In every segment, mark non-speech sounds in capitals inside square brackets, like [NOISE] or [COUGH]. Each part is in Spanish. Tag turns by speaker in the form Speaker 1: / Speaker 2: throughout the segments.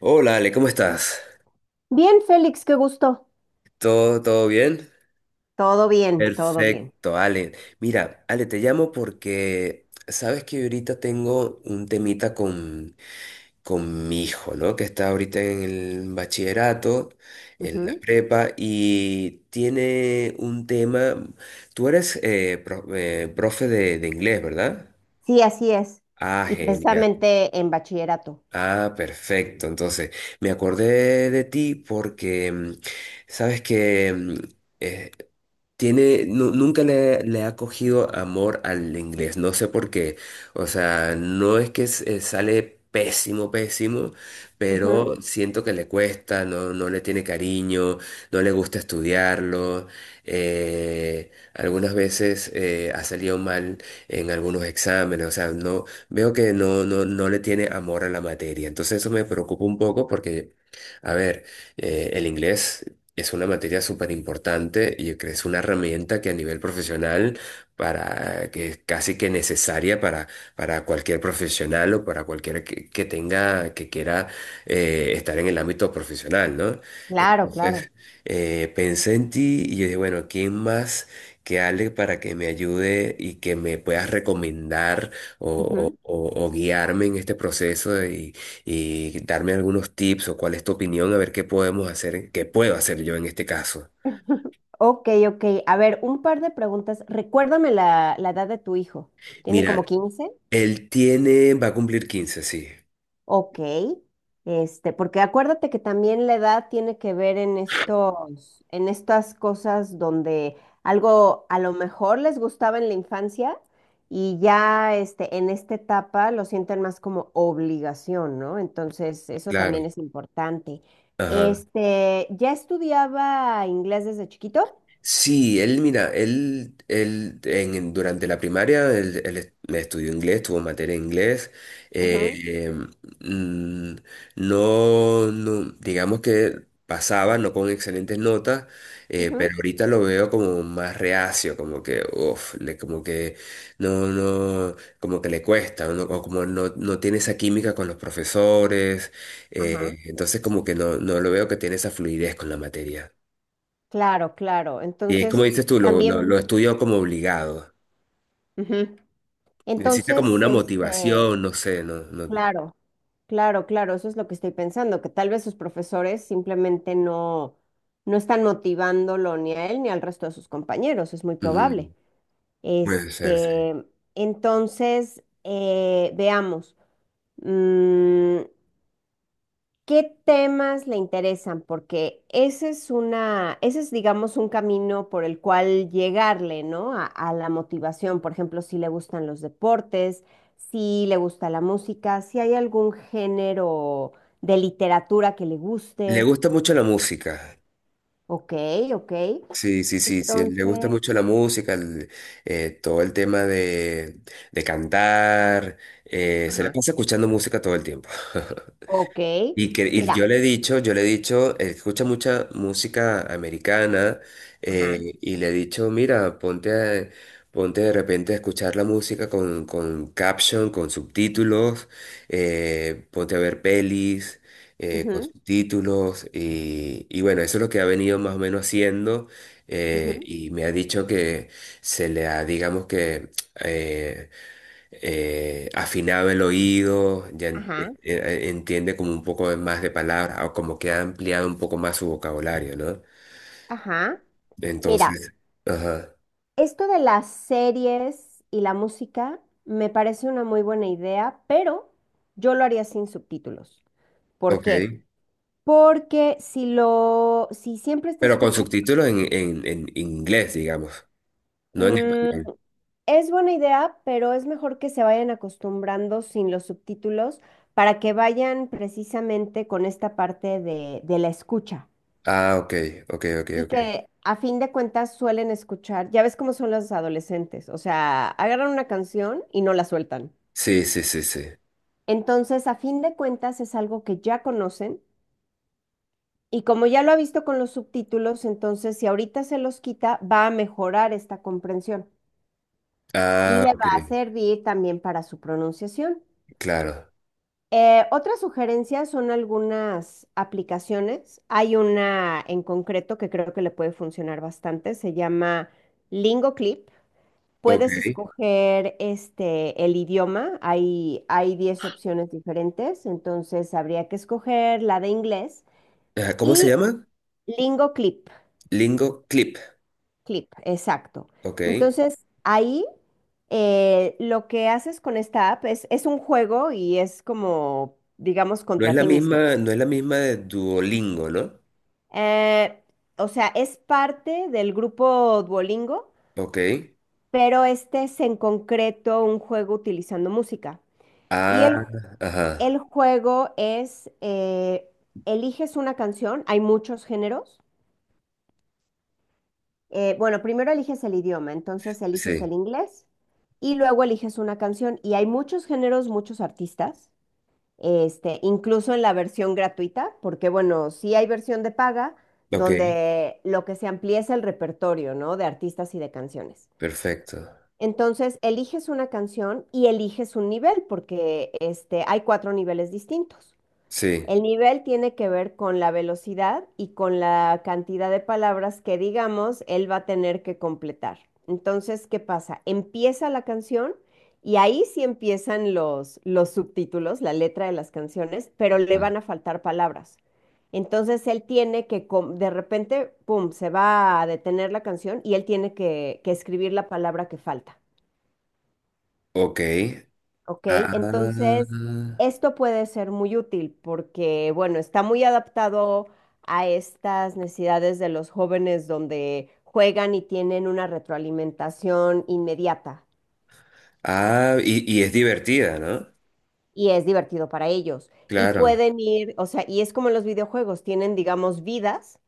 Speaker 1: Hola Ale, ¿cómo estás?
Speaker 2: Bien, Félix, qué gusto.
Speaker 1: ¿Todo bien?
Speaker 2: Todo bien, todo bien.
Speaker 1: Perfecto, Ale. Mira, Ale, te llamo porque sabes que ahorita tengo un temita con mi hijo, ¿no? Que está ahorita en el bachillerato, en la
Speaker 2: Ujú.
Speaker 1: prepa, y tiene un tema. Tú eres profe de inglés, ¿verdad?
Speaker 2: Sí, así es.
Speaker 1: Ah,
Speaker 2: Y
Speaker 1: genial.
Speaker 2: precisamente en bachillerato.
Speaker 1: Ah, perfecto. Entonces, me acordé de ti porque sabes que eh, tiene, nunca le ha cogido amor al inglés, no sé por qué. O sea, no es que sale pésimo, pésimo,
Speaker 2: Ujú.
Speaker 1: pero siento que le cuesta, no, no le tiene cariño, no le gusta estudiarlo. Algunas veces ha salido mal en algunos exámenes, o sea, no, veo que no, no, no le tiene amor a la materia. Entonces eso me preocupa un poco porque, a ver, el inglés. Es una materia súper importante y yo creo que es una herramienta que a nivel profesional para que es casi que necesaria para cualquier profesional o para cualquiera que tenga, que quiera estar en el ámbito profesional, ¿no?
Speaker 2: Claro,
Speaker 1: Entonces,
Speaker 2: claro.
Speaker 1: pensé en ti y yo dije, bueno, ¿quién más que Ale para que me ayude y que me puedas recomendar o,
Speaker 2: Ujú.
Speaker 1: o guiarme en este proceso? Y darme algunos tips o cuál es tu opinión, a ver qué podemos hacer, qué puedo hacer yo en este caso.
Speaker 2: Ok, ok. A ver, un par de preguntas. Recuérdame la edad de tu hijo. ¿Tiene como
Speaker 1: Mira,
Speaker 2: quince?
Speaker 1: él tiene, va a cumplir 15 sí,
Speaker 2: Ok, porque acuérdate que también la edad tiene que ver en estos, en estas cosas donde algo a lo mejor les gustaba en la infancia y ya en esta etapa lo sienten más como obligación, ¿no? Entonces, eso
Speaker 1: claro.
Speaker 2: también es importante.
Speaker 1: Ajá.
Speaker 2: ¿Ya estudiaba inglés desde chiquito?
Speaker 1: Sí, él, mira, él, durante la primaria él, estudió inglés, tuvo materia de inglés. eh,
Speaker 2: Ujú.
Speaker 1: eh, mm, no, no, digamos que pasaba, no con excelentes notas,
Speaker 2: Ujú.
Speaker 1: pero ahorita lo veo como más reacio, como que, uff, le, como que no, no, como que le cuesta, ¿no? O como no, no tiene esa química con los profesores,
Speaker 2: Ajá.
Speaker 1: entonces como que no, no lo veo que tiene esa fluidez con la materia.
Speaker 2: Claro, claro.
Speaker 1: Y es como
Speaker 2: Entonces,
Speaker 1: dices tú, lo
Speaker 2: también.
Speaker 1: estudio como obligado.
Speaker 2: Ujú.
Speaker 1: Necesita como
Speaker 2: Entonces,
Speaker 1: una motivación, no sé, no, no.
Speaker 2: Claro, claro, claro, eso es lo que estoy pensando, que tal vez sus profesores simplemente no están motivándolo ni a él ni al resto de sus compañeros, es muy probable.
Speaker 1: Ujú, puede ser, sí.
Speaker 2: Este, entonces, veamos. Mm, ¿Qué temas le interesan? Porque ese es, digamos, un camino por el cual llegarle, ¿no? A la motivación. Por ejemplo, si le gustan los deportes, si le gusta la música, si hay algún género de literatura que le
Speaker 1: Le
Speaker 2: guste.
Speaker 1: gusta mucho la música.
Speaker 2: Ok, ok.
Speaker 1: Sí, sí, sí, sí. Le gusta
Speaker 2: Entonces,
Speaker 1: mucho la música, el- todo el tema de cantar. Se le
Speaker 2: ajá,
Speaker 1: pasa escuchando música todo el tiempo.
Speaker 2: ok.
Speaker 1: [LAUGHS] Y, que, y
Speaker 2: Mira,
Speaker 1: yo le he dicho, yo le he dicho, él escucha mucha música americana
Speaker 2: ajá,
Speaker 1: y le he dicho, mira, ponte, ponte de repente a escuchar la música con caption, con subtítulos, ponte a ver pelis con
Speaker 2: ujú,
Speaker 1: subtítulos y bueno, eso es lo que ha venido más o menos haciendo
Speaker 2: ujú,
Speaker 1: y me ha dicho que se le ha, digamos que... [TSK] eh, afinado el oído, ya
Speaker 2: ajá,
Speaker 1: entiende como un poco más de palabras o como que ha ampliado un poco más su vocabulario, ¿no?
Speaker 2: ajá. Mira.
Speaker 1: Entonces, ajá,
Speaker 2: Esto de las series y la música me parece una muy buena idea, pero yo lo haría sin subtítulos. ¿Por
Speaker 1: ok.
Speaker 2: qué? Porque si siempre está
Speaker 1: Pero con
Speaker 2: escuchando,
Speaker 1: subtítulos en inglés, digamos, no en
Speaker 2: mm,
Speaker 1: español.
Speaker 2: es buena idea, pero es mejor que se vayan acostumbrando sin los subtítulos para que vayan precisamente con esta parte de la escucha.
Speaker 1: Ah, ok, ok, ok,
Speaker 2: Y
Speaker 1: ok.
Speaker 2: que a fin de cuentas suelen escuchar, ya ves cómo son los adolescentes, o sea, agarran una canción y no la sueltan.
Speaker 1: Sí, sí, sí, sí.
Speaker 2: Entonces, a fin de cuentas, es algo que ya conocen y como ya lo ha visto con los subtítulos, entonces si ahorita se los quita, va a mejorar esta comprensión y
Speaker 1: Ah,
Speaker 2: le
Speaker 1: ok,
Speaker 2: va a servir también para su pronunciación.
Speaker 1: claro.
Speaker 2: Otras sugerencias son algunas aplicaciones. Hay una en concreto que creo que le puede funcionar bastante, se llama LingoClip.
Speaker 1: Ok.
Speaker 2: Puedes escoger el idioma, hay 10 opciones diferentes, entonces habría que escoger la de inglés.
Speaker 1: Ajá, ¿cómo se
Speaker 2: Y
Speaker 1: llama?
Speaker 2: Lingo Clip,
Speaker 1: Lingo Clip,
Speaker 2: Clip, exacto.
Speaker 1: ok.
Speaker 2: Entonces, ahí lo que haces con esta app es un juego y es como, digamos,
Speaker 1: No es
Speaker 2: contra
Speaker 1: la
Speaker 2: ti mismo.
Speaker 1: misma, no es la misma de Duolingo, ¿no?
Speaker 2: Eh, o sea, es parte del grupo Duolingo,
Speaker 1: Ok.
Speaker 2: pero este es en concreto un juego utilizando música. Y
Speaker 1: Ah,
Speaker 2: el
Speaker 1: ajá.
Speaker 2: juego es, eliges una canción, hay muchos géneros, bueno, primero eliges el idioma, entonces eliges el
Speaker 1: Sí,
Speaker 2: inglés y luego eliges una canción. Y hay muchos géneros, muchos artistas, incluso en la versión gratuita, porque bueno, sí hay versión de paga
Speaker 1: ok,
Speaker 2: donde lo que se amplía es el repertorio, ¿no? De artistas y de canciones.
Speaker 1: perfecto.
Speaker 2: Entonces, eliges una canción y eliges un nivel, porque hay cuatro niveles distintos.
Speaker 1: Sí,
Speaker 2: El nivel tiene que ver con la velocidad y con la cantidad de palabras que, digamos, él va a tener que completar. Entonces, ¿qué pasa? Empieza la canción y ahí sí empiezan los subtítulos, la letra de las canciones, pero le
Speaker 1: ah,
Speaker 2: van a faltar palabras. Entonces, él tiene de repente, pum, se va a detener la canción y él tiene que escribir la palabra que falta.
Speaker 1: ok.
Speaker 2: Ok,
Speaker 1: Ah,
Speaker 2: entonces esto puede ser muy útil porque, bueno, está muy adaptado a estas necesidades de los jóvenes donde juegan y tienen una retroalimentación inmediata
Speaker 1: ah, y es divertida, ¿no?
Speaker 2: y es divertido para ellos. Y
Speaker 1: Claro.
Speaker 2: pueden ir, o sea, y es como en los videojuegos, tienen, digamos, vidas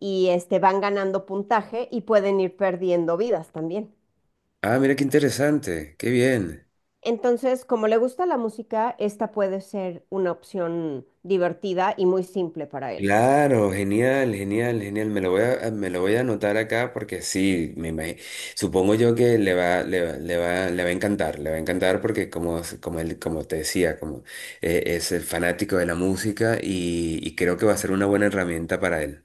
Speaker 2: y van ganando puntaje y pueden ir perdiendo vidas también.
Speaker 1: Ah, mira qué interesante, qué bien.
Speaker 2: Entonces, como le gusta la música, esta puede ser una opción divertida y muy simple para él.
Speaker 1: Claro, genial, genial, genial. Me lo voy a anotar acá porque sí, me imagino. Supongo yo que le va a encantar, le va a encantar porque como, como, él, como te decía, como es el fanático de la música y creo que va a ser una buena herramienta para él.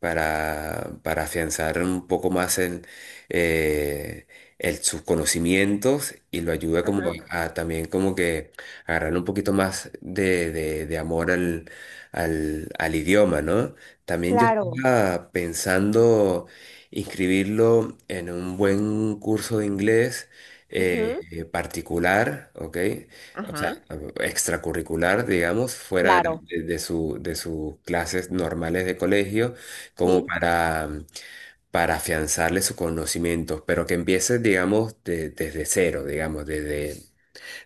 Speaker 1: Para afianzar un poco más eh, sus conocimientos y lo ayuda como
Speaker 2: Ajá.
Speaker 1: a también como que agarrar un poquito más de, de amor al, al, al idioma, ¿no? También yo
Speaker 2: Claro.
Speaker 1: estaba pensando inscribirlo en un buen curso de inglés
Speaker 2: Ujú.
Speaker 1: particular, ¿ok? O sea,
Speaker 2: Ajá.
Speaker 1: extracurricular, digamos, fuera de,
Speaker 2: Claro.
Speaker 1: de su, de sus clases normales de colegio como
Speaker 2: Sí.
Speaker 1: para afianzarle sus conocimientos, pero que empiece, digamos, desde cero, digamos, desde,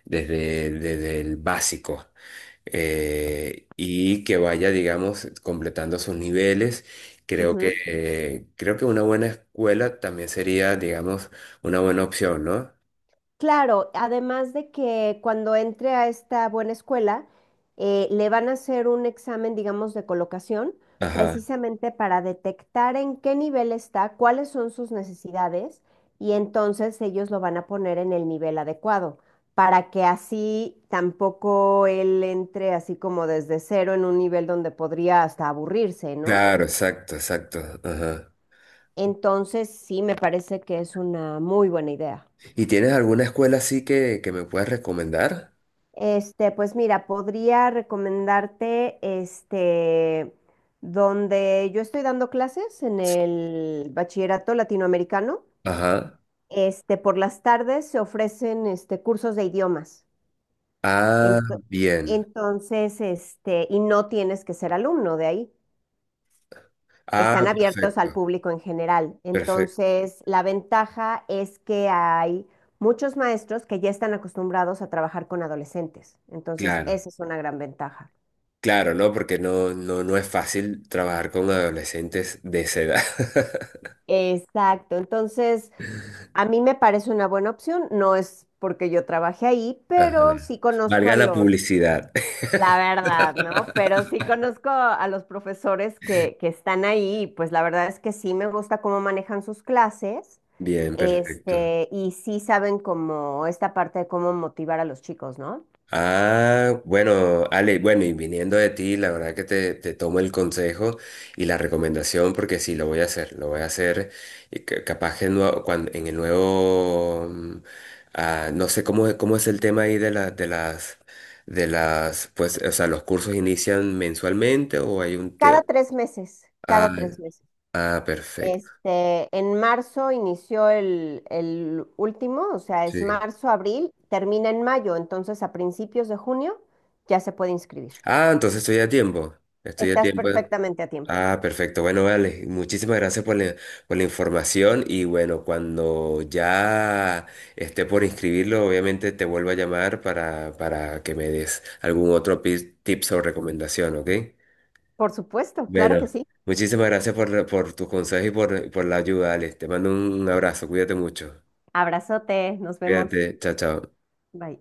Speaker 1: desde, desde el básico, y que vaya, digamos, completando sus niveles.
Speaker 2: Ujú.
Speaker 1: Creo que una buena escuela también sería, digamos, una buena opción, ¿no?
Speaker 2: Claro, además de que cuando entre a esta buena escuela, le van a hacer un examen, digamos, de colocación,
Speaker 1: Ajá.
Speaker 2: precisamente para detectar en qué nivel está, cuáles son sus necesidades, y entonces ellos lo van a poner en el nivel adecuado, para que así tampoco él entre así como desde cero en un nivel donde podría hasta aburrirse, ¿no?
Speaker 1: Claro, exacto, exacto. Ajá.
Speaker 2: Entonces, sí, me parece que es una muy buena idea.
Speaker 1: ¿Y tienes alguna escuela así que me puedas recomendar?
Speaker 2: Pues mira, podría recomendarte, donde yo estoy dando clases en el bachillerato latinoamericano,
Speaker 1: Ajá.
Speaker 2: por las tardes se ofrecen, cursos de idiomas.
Speaker 1: Ah,
Speaker 2: Ento-
Speaker 1: bien.
Speaker 2: entonces, y no tienes que ser alumno de ahí.
Speaker 1: Ah,
Speaker 2: Están abiertos al
Speaker 1: perfecto.
Speaker 2: público en general.
Speaker 1: Perfecto,
Speaker 2: Entonces, la ventaja es que hay muchos maestros que ya están acostumbrados a trabajar con adolescentes. Entonces,
Speaker 1: claro,
Speaker 2: esa es una gran ventaja.
Speaker 1: claro, ¿no? Porque no, no, no es fácil trabajar con adolescentes de esa edad. [LAUGHS]
Speaker 2: Exacto. Entonces, a mí me parece una buena opción. No es porque yo trabajé ahí,
Speaker 1: Ajá.
Speaker 2: pero sí conozco
Speaker 1: Valga
Speaker 2: a
Speaker 1: la
Speaker 2: los...
Speaker 1: publicidad.
Speaker 2: La verdad, ¿no? Pero sí conozco a los profesores que están ahí, y pues la verdad es que sí me gusta cómo manejan sus clases,
Speaker 1: [LAUGHS] Bien, perfecto.
Speaker 2: y sí saben como esta parte de cómo motivar a los chicos, ¿no?
Speaker 1: Ah, bueno, Ale, bueno, y viniendo de ti, la verdad que te tomo el consejo y la recomendación porque sí, lo voy a hacer, lo voy a hacer y capaz que cuando, en el nuevo, no sé cómo, cómo es el tema ahí de de las, pues, o sea, los cursos inician mensualmente o hay un tema.
Speaker 2: Cada tres meses,
Speaker 1: Ah,
Speaker 2: cada tres meses.
Speaker 1: ah, perfecto.
Speaker 2: En marzo inició el último, o sea, es
Speaker 1: Sí.
Speaker 2: marzo, abril, termina en mayo, entonces a principios de junio ya se puede inscribir.
Speaker 1: Ah, entonces estoy a tiempo, estoy a
Speaker 2: Estás
Speaker 1: tiempo.
Speaker 2: perfectamente a tiempo.
Speaker 1: Ah, perfecto. Bueno, vale. Muchísimas gracias por la información y bueno, cuando ya esté por inscribirlo, obviamente te vuelvo a llamar para que me des algún otro tips o recomendación, ¿ok?
Speaker 2: Por supuesto, claro
Speaker 1: Bueno,
Speaker 2: que sí.
Speaker 1: muchísimas gracias por tus consejos y por la ayuda, Alex. Te mando un abrazo. Cuídate mucho.
Speaker 2: Abrazote, nos vemos.
Speaker 1: Cuídate. Chao, chao.
Speaker 2: Bye.